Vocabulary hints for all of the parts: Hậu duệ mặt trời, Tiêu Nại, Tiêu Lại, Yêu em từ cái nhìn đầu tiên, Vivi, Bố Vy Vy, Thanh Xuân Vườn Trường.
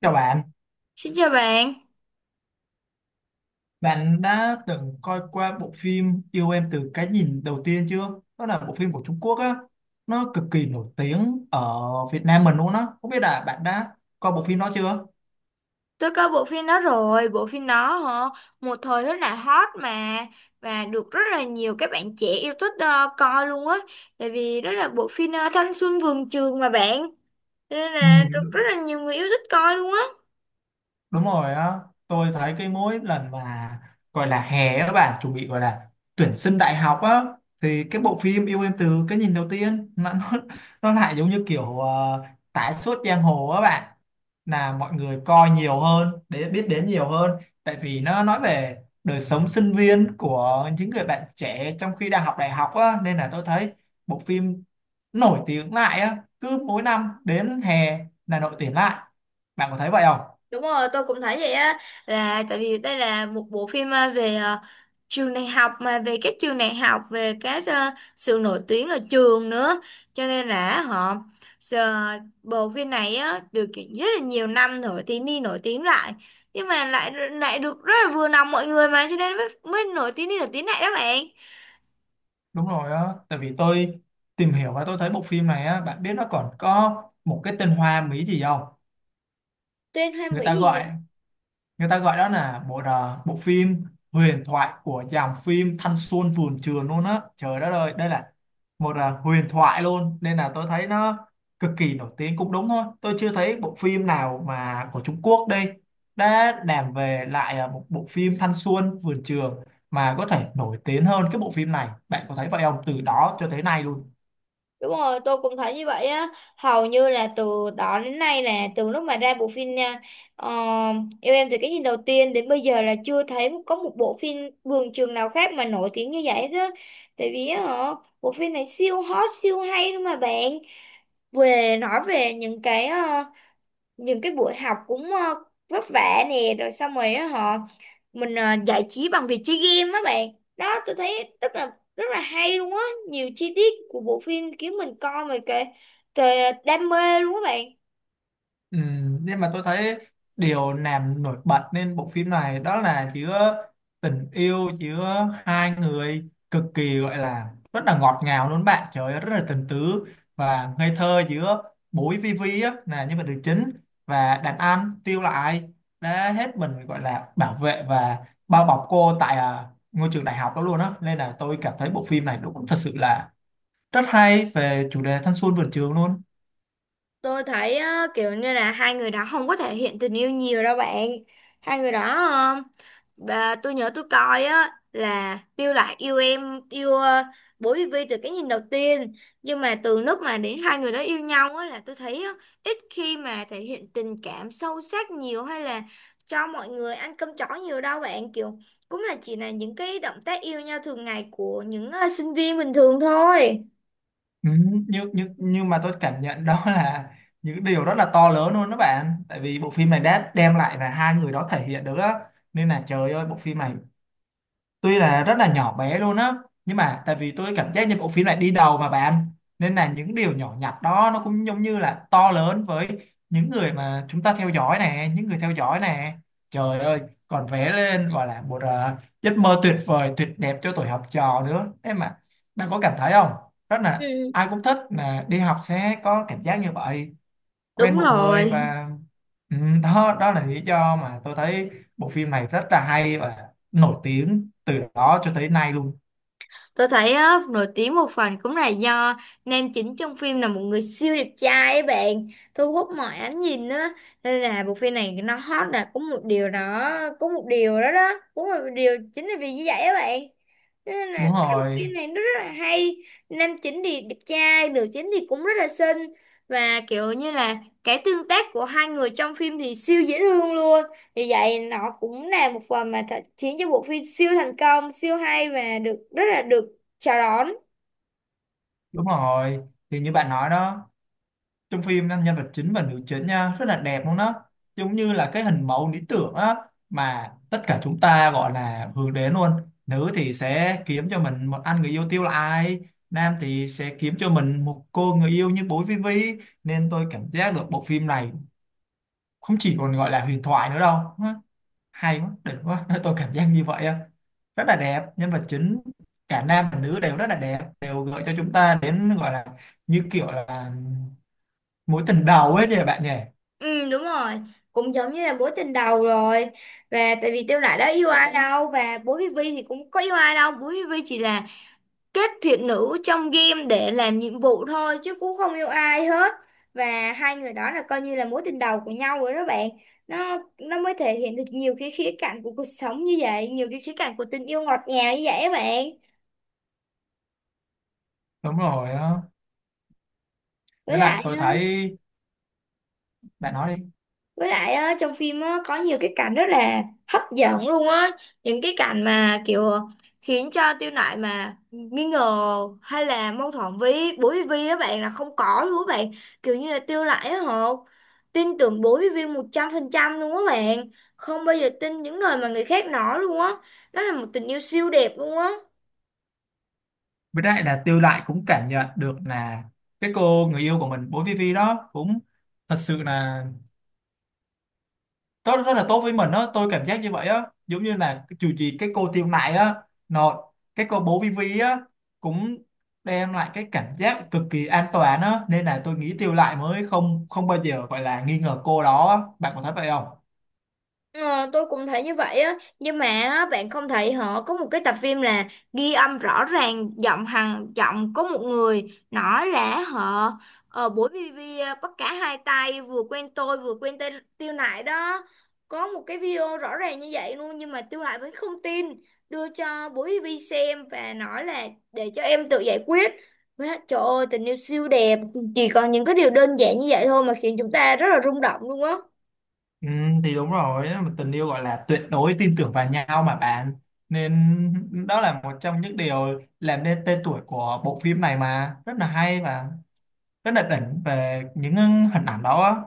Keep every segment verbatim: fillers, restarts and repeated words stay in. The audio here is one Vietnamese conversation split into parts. Chào bạn, Xin chào bạn, bạn đã từng coi qua bộ phim Yêu em từ cái nhìn đầu tiên chưa? Đó là bộ phim của Trung Quốc á, nó cực kỳ nổi tiếng ở Việt Nam mình luôn á. Không biết là bạn đã coi bộ phim đó chưa? tôi coi bộ phim đó rồi. Bộ phim đó hả, một thời rất là hot mà và được rất là nhiều các bạn trẻ yêu thích, ờ, coi luôn á, tại vì đó là bộ phim, ờ, thanh xuân vườn trường mà bạn. Cho nên Ừ, là được rất là nhiều người yêu thích coi luôn á. đúng rồi á, tôi thấy cái mỗi lần mà gọi là hè các bạn chuẩn bị gọi là tuyển sinh đại học á, thì cái bộ phim yêu em từ cái nhìn đầu tiên nó nó, nó lại giống như kiểu uh, tái xuất giang hồ các bạn, là mọi người coi nhiều hơn để biết đến nhiều hơn, tại vì nó nói về đời sống sinh viên của những người bạn trẻ trong khi đang học đại học á, nên là tôi thấy bộ phim nổi tiếng lại á, cứ mỗi năm đến hè là nổi tiếng lại, bạn có thấy vậy không? Đúng rồi, tôi cũng thấy vậy á, là tại vì đây là một bộ phim, à, về, à, trường đại học, mà về các trường đại học, về các, à, sự nổi tiếng ở trường nữa, cho nên là họ giờ bộ phim này á được kiện rất là nhiều năm rồi thì đi nổi tiếng lại, nhưng mà lại lại được rất là vừa lòng mọi người, mà cho nên mới, mới nổi tiếng đi nổi tiếng lại đó bạn. Đúng rồi á, tại vì tôi tìm hiểu và tôi thấy bộ phim này á, bạn biết nó còn có một cái tên Hoa Mỹ gì không? Tên hoa Người mỹ ta gì? gọi, người ta gọi đó là bộ đờ- bộ phim huyền thoại của dòng phim Thanh Xuân Vườn Trường luôn á. Trời đất ơi, đây là một à, huyền thoại luôn, nên là tôi thấy nó cực kỳ nổi tiếng cũng đúng thôi. Tôi chưa thấy bộ phim nào mà của Trung Quốc đây đã làm về lại à, một bộ phim Thanh Xuân Vườn Trường mà có thể nổi tiếng hơn cái bộ phim này. Bạn có thấy vậy không? Từ đó cho tới nay luôn. Đúng rồi, tôi cũng thấy như vậy á. Hầu như là từ đó đến nay, là từ lúc mà ra bộ phim nha, ờ, yêu em từ cái nhìn đầu tiên đến bây giờ là chưa thấy có một bộ phim vườn trường nào khác mà nổi tiếng như vậy đó. Tại vì á, hả, bộ phim này siêu hot, siêu hay luôn mà bạn. Về nói về những cái ờ, những cái buổi học cũng, ờ, vất vả nè, rồi xong rồi á họ mình, ờ, giải trí bằng việc chơi game á bạn. Đó, tôi thấy rất là rất là hay luôn á, nhiều chi tiết của bộ phim khiến mình coi mà kệ kệ đam mê luôn á bạn. Ừ, nhưng mà tôi thấy điều làm nổi bật nên bộ phim này đó là chứa tình yêu, chứa hai người cực kỳ, gọi là rất là ngọt ngào luôn bạn, trời ơi, rất là tình tứ và ngây thơ giữa bối Vivi á là nhân vật nữ chính và đàn anh Tiêu Lại đã hết mình, gọi là bảo vệ và bao bọc cô tại à, ngôi trường đại học đó luôn á, nên là tôi cảm thấy bộ phim này đúng thật sự là rất hay về chủ đề thanh xuân vườn trường luôn. Tôi thấy, ờ, kiểu như là hai người đó không có thể hiện tình yêu nhiều đâu bạn. Hai người đó, bà, tôi nhớ tôi coi á là Tiêu Lạc yêu em yêu, uh, Bố Vy Vy từ cái nhìn đầu tiên, nhưng mà từ lúc mà đến hai người đó yêu nhau á là tôi thấy á, ít khi mà thể hiện tình cảm sâu sắc nhiều, hay là cho mọi người ăn cơm chó nhiều đâu bạn. Kiểu cũng là chỉ là những cái động tác yêu nhau thường ngày của những, uh, sinh viên bình thường thôi. Ừ, nhưng nhưng nhưng mà tôi cảm nhận đó là những điều rất là to lớn luôn đó bạn, tại vì bộ phim này đã đem lại là hai người đó thể hiện được á, nên là trời ơi, bộ phim này tuy là rất là nhỏ bé luôn á, nhưng mà tại vì tôi cảm giác như bộ phim này đi đầu mà bạn, nên là những điều nhỏ nhặt đó nó cũng giống như là to lớn với những người mà chúng ta theo dõi nè, những người theo dõi nè, trời ơi, còn vẽ lên gọi là một ờ, giấc mơ tuyệt vời tuyệt đẹp cho tuổi học trò nữa thế mà, bạn có cảm thấy không? Rất là Ừ. ai cũng thích là đi học sẽ có cảm giác như vậy, quen Đúng một người rồi. và ừ, đó, đó là lý do mà tôi thấy bộ phim này rất là hay và nổi tiếng từ đó cho tới nay luôn. Tôi thấy á, nổi tiếng một phần cũng là do nam chính trong phim là một người siêu đẹp trai ấy bạn, thu hút mọi ánh nhìn á, nên là bộ phim này nó hot là cũng một điều đó, cũng một điều đó đó cũng một điều chính là vì như vậy á bạn. Thế nên là Đúng cái bộ rồi, phim này nó rất là hay, nam chính thì đẹp trai, nữ chính thì cũng rất là xinh, và kiểu như là cái tương tác của hai người trong phim thì siêu dễ thương luôn. Vì vậy nó cũng là một phần mà th- khiến cho bộ phim siêu thành công, siêu hay và được rất là được chào đón. đúng rồi, thì như bạn nói đó, trong phim nhân vật chính và nữ chính nha rất là đẹp luôn đó, giống như là cái hình mẫu lý tưởng á mà tất cả chúng ta gọi là hướng đến luôn. Nữ thì sẽ kiếm cho mình một anh người yêu tiêu là ai, nam thì sẽ kiếm cho mình một cô người yêu như bố Vivi, nên tôi cảm giác được bộ phim này không chỉ còn gọi là huyền thoại nữa đâu. Nó hay quá, đỉnh quá tôi cảm giác như vậy á, rất là đẹp nhân vật chính, cả nam và nữ đều rất là đẹp, đều gợi cho chúng ta đến gọi là như kiểu là mối tình đầu ấy nhỉ, bạn nhỉ? Ừ đúng rồi, cũng giống như là mối tình đầu rồi. Và tại vì Tiêu Nại đã yêu ai đâu, và Bố Vy Vy thì cũng có yêu ai đâu. Bố Vy Vy chỉ là kết thiện nữ trong game để làm nhiệm vụ thôi chứ cũng không yêu ai hết. Và hai người đó là coi như là mối tình đầu của nhau rồi đó bạn. Nó nó mới thể hiện được nhiều cái khía cạnh của cuộc sống như vậy, nhiều cái khía cạnh của tình yêu ngọt ngào như vậy á bạn. Đúng rồi á. Với Với lại lại tôi á, thấy, bạn nói đi. với lại á, trong phim á, có nhiều cái cảnh rất là hấp dẫn luôn á. Những cái cảnh mà kiểu khiến cho Tiêu Nại mà nghi ngờ hay là mâu thuẫn với bố với Vi á bạn là không có luôn á bạn. Kiểu như là Tiêu Nại á họ tin tưởng bố với Vi một trăm phần trăm luôn á bạn. Không bao giờ tin những lời mà người khác nói luôn á. Đó là một tình yêu siêu đẹp luôn á. Với lại là Tiêu Lại cũng cảm nhận được là cái cô người yêu của mình bố Vivi đó cũng thật sự là rất rất là tốt với mình á, tôi cảm giác như vậy á, giống như là cái- dù gì cái cô Tiêu Nại á nó, cái cô bố Vivi á cũng đem lại cái cảm giác cực kỳ an toàn á, nên là tôi nghĩ Tiêu Nại mới không không bao giờ gọi là nghi ngờ cô đó á. Bạn có thấy vậy không? Ờ, tôi cũng thấy như vậy á, nhưng mà á, bạn không thấy họ có một cái tập phim là ghi âm rõ ràng giọng hằng giọng, có một người nói là họ, ờ, buổi bê vê bắt cả hai tay vừa quen tôi vừa quen tên Tiêu Nại đó, có một cái video rõ ràng như vậy luôn, nhưng mà Tiêu Nại vẫn không tin, đưa cho buổi bê vê xem và nói là để cho em tự giải quyết. Má, trời ơi tình yêu siêu đẹp, chỉ còn những cái điều đơn giản như vậy thôi mà khiến chúng ta rất là rung động luôn á. Ừ, thì đúng rồi á, mà tình yêu gọi là tuyệt đối tin tưởng vào nhau mà bạn, nên đó là một trong những điều làm nên tên tuổi của bộ phim này, mà rất là hay và rất là đỉnh về những hình ảnh đó á.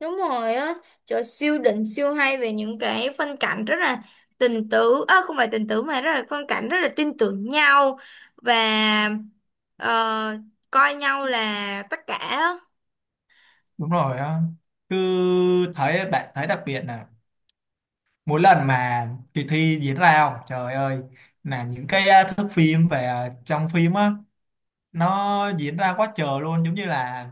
Đúng rồi á, trời siêu đỉnh siêu hay về những cái phân cảnh rất là tình tứ, à, không phải tình tứ mà rất là phân cảnh rất là tin tưởng nhau, và, ờ, coi nhau là tất cả. Đúng rồi á, cứ thấy bạn thấy đặc biệt là mỗi lần mà kỳ thi diễn ra không, trời ơi, là những cái à, thước phim về à, trong phim á nó diễn ra quá trời luôn, giống như là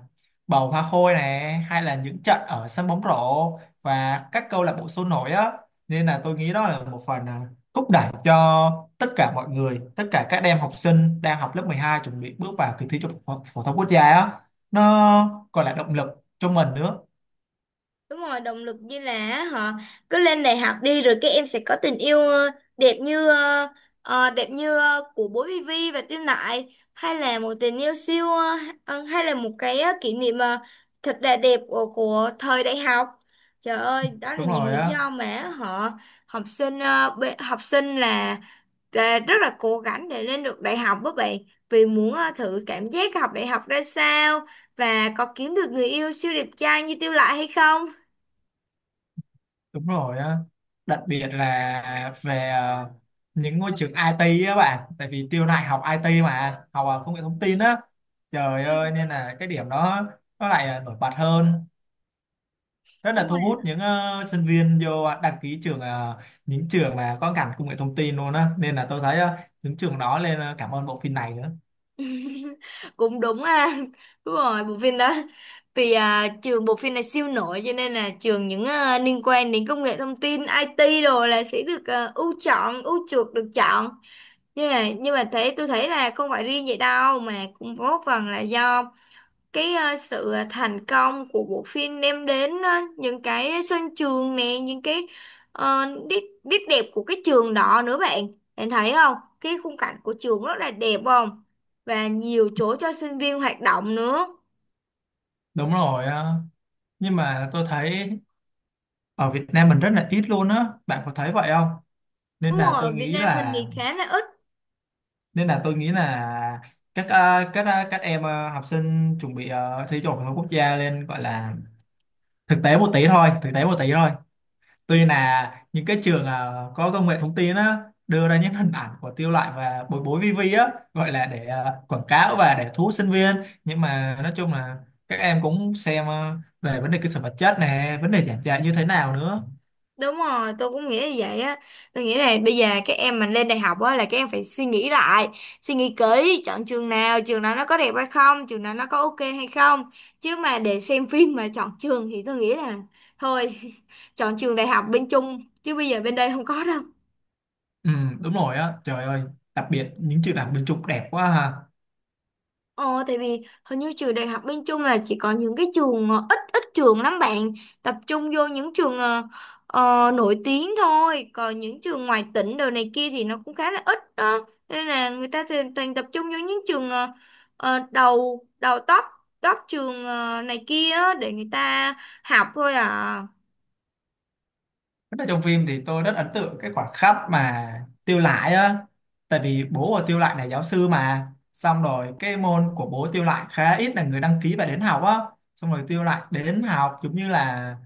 bầu hoa khôi này hay là những trận ở sân bóng rổ và các câu lạc bộ sôi nổi á, nên là tôi nghĩ đó là một phần à, thúc đẩy cho tất cả mọi người, tất cả các em học sinh đang học lớp mười hai chuẩn bị bước vào kỳ thi trung học phổ phổ thông quốc gia á, nó còn là động lực cho mình nữa. Đúng rồi, động lực như là họ cứ lên đại học đi rồi các em sẽ có tình yêu, ờ, đẹp như ờ, ờ, đẹp như, ờ, của bố Vivi và Tiêu Nại, hay là một tình yêu siêu, ờ, ờ, hay là một cái, ờ, kỷ niệm, ờ, thật là đẹp của, của thời đại học. Trời ơi, đó là Đúng những rồi lý á, do mà họ học sinh, ờ, bê- học sinh là, là rất là cố gắng để lên được đại học với bạn, vì muốn, ờ, thử cảm giác học đại học ra sao, và có kiếm được người yêu siêu đẹp trai như Tiêu Nại hay không. đúng rồi á, đặc biệt là về ờ, những ngôi trường i tê á bạn, tại vì Tiêu này học i tê mà, học ờ, công nghệ thông tin á, trời Ừ, ơi, nên là cái điểm đó nó lại ờ, nổi bật hơn, rất đúng là thu rồi. hút những ờ, sinh viên vô ờ, đăng ký trường ờ, những trường mà có ngành công nghệ thông tin luôn á, nên là tôi thấy ờ, những trường đó lên ờ, cảm ơn bộ phim này nữa. Cũng đúng ha, đúng rồi bộ phim đó, vì, à, trường bộ phim này siêu nổi cho nên là trường những, à, liên quan đến công nghệ thông tin ai ti đồ là sẽ được, à, ưu chọn ưu chuộc được chọn. Nhưng mà nhưng mà thế tôi thấy là không phải riêng vậy đâu mà cũng có phần là do cái, ờ, sự ờ, thành công của bộ phim đem đến, ờ, những cái sân trường nè, những cái, ờ, nét nét đẹp của cái trường đó nữa bạn. Bạn thấy không, cái khung cảnh của trường rất là đẹp không, và nhiều chỗ cho sinh viên hoạt động nữa. Đúng rồi ờ. Nhưng mà tôi thấy ở Việt Nam mình rất là ít luôn á, bạn có thấy vậy không, nên Đúng là rồi, ở tôi Việt nghĩ Nam mình là, thì khá là ít. nên là tôi nghĩ là các ờ, các ờ, các em ờ, học sinh chuẩn bị ờ, thi trung học phổ thông quốc gia lên gọi là thực tế một tí thôi, thực tế một tí thôi, tuy là những cái trường ờ, có công nghệ thông tin á đưa ra những hình ảnh của Tiêu Loại và Bối Bối vi vi á, gọi là để ờ, quảng cáo và để thu hút sinh viên, nhưng mà nói chung là các em cũng xem ờ, về vấn đề cơ sở vật chất này, vấn đề giảng dạy như thế nào nữa. Đúng rồi, tôi cũng nghĩ như vậy á. Tôi nghĩ là bây giờ các em mình lên đại học á là các em phải suy nghĩ lại, suy nghĩ kỹ, chọn trường nào, trường nào nó có đẹp hay không, trường nào nó có ok hay không. Chứ mà để xem phim mà chọn trường thì tôi nghĩ là thôi, chọn trường đại học bên Trung chứ bây giờ bên đây không có đâu. Ừ, đúng rồi á, trời ơi, đặc biệt những trường đại học bên Trung đẹp quá ha. Ờ, tại vì hình như trường đại học bên Trung là chỉ có những cái trường, ờ, ít ít trường lắm bạn, tập trung vô những trường, ờ, ờ, nổi tiếng thôi, còn những trường ngoài tỉnh đồ này kia thì nó cũng khá là ít đó, nên là người ta thì toàn tập trung vô những trường, ờ, ờ, đầu đầu top, top trường, ờ, này kia á, để người ta học thôi à. Rất là trong phim thì tôi rất ấn tượng cái khoảnh khắc mà Tiêu Lại á, tại vì bố của Tiêu Lại là giáo sư mà, xong rồi cái môn của bố Tiêu Lại khá ít là người đăng ký và đến học á, xong rồi Tiêu Lại đến học giống như là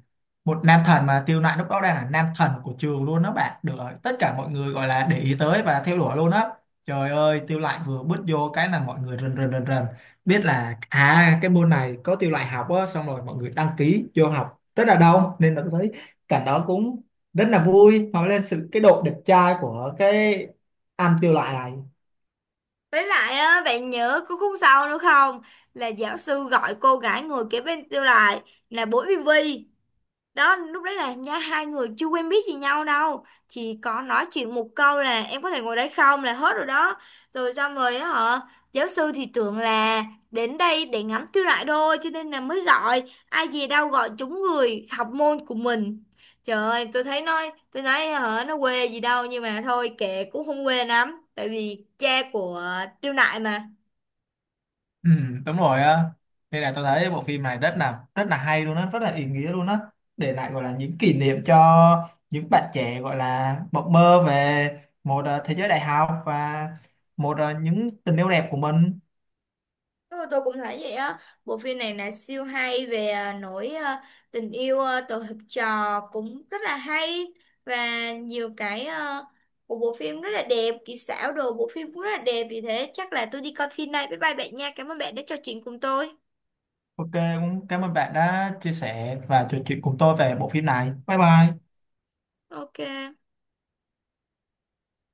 một nam thần, mà Tiêu Nạnh lúc đó đang là nam thần của trường luôn đó bạn, được rồi, tất cả mọi người gọi là để ý tới và theo đuổi luôn á, trời ơi Tiêu Nạnh vừa bước vô cái là mọi người rần rần rần rần biết là à cái môn này có Tiêu Nạnh học á, xong rồi mọi người đăng ký vô học rất là đông, nên là tôi thấy cảnh đó cũng rất là vui, nói lên sự cái độ đẹp trai của cái anh Tiêu Nạnh này. Với lại á bạn nhớ có khúc sau nữa không, là giáo sư gọi cô gái ngồi kế bên tôi lại, là bố Vivi đó, lúc đấy là nha hai người chưa quen biết gì nhau đâu, chỉ có nói chuyện một câu là em có thể ngồi đây không là hết rồi đó. Rồi xong rồi á hả, giáo sư thì tưởng là đến đây để ngắm tiêu đại đôi cho nên là mới gọi, ai dè đâu gọi trúng người học môn của mình. Trời ơi tôi thấy nói tôi nói hả, nó quê gì đâu, nhưng mà thôi kệ cũng không quê lắm tại vì cha của tiêu đại mà. Ừ, đúng rồi á, nên là tôi thấy bộ phim này rất là rất là hay luôn á, rất là ý nghĩa luôn á, để lại gọi là những kỷ niệm cho những bạn trẻ gọi là mộng mơ về một ờ, thế giới đại học và một ờ, những tình yêu đẹp của mình. Đúng rồi, tôi cũng thấy vậy á, bộ phim này là siêu hay về, à, nỗi à, tình yêu, à, tổ hợp trò cũng rất là hay, và nhiều cái, à, của bộ phim rất là đẹp, kỹ xảo đồ bộ phim cũng rất là đẹp, vì thế chắc là tôi đi coi phim này. Bye bye bạn nha, cảm ơn bạn đã trò chuyện cùng tôi. OK, cũng cảm ơn bạn đã chia sẻ và trò chuyện cùng tôi về bộ phim này, bye bye. Ok.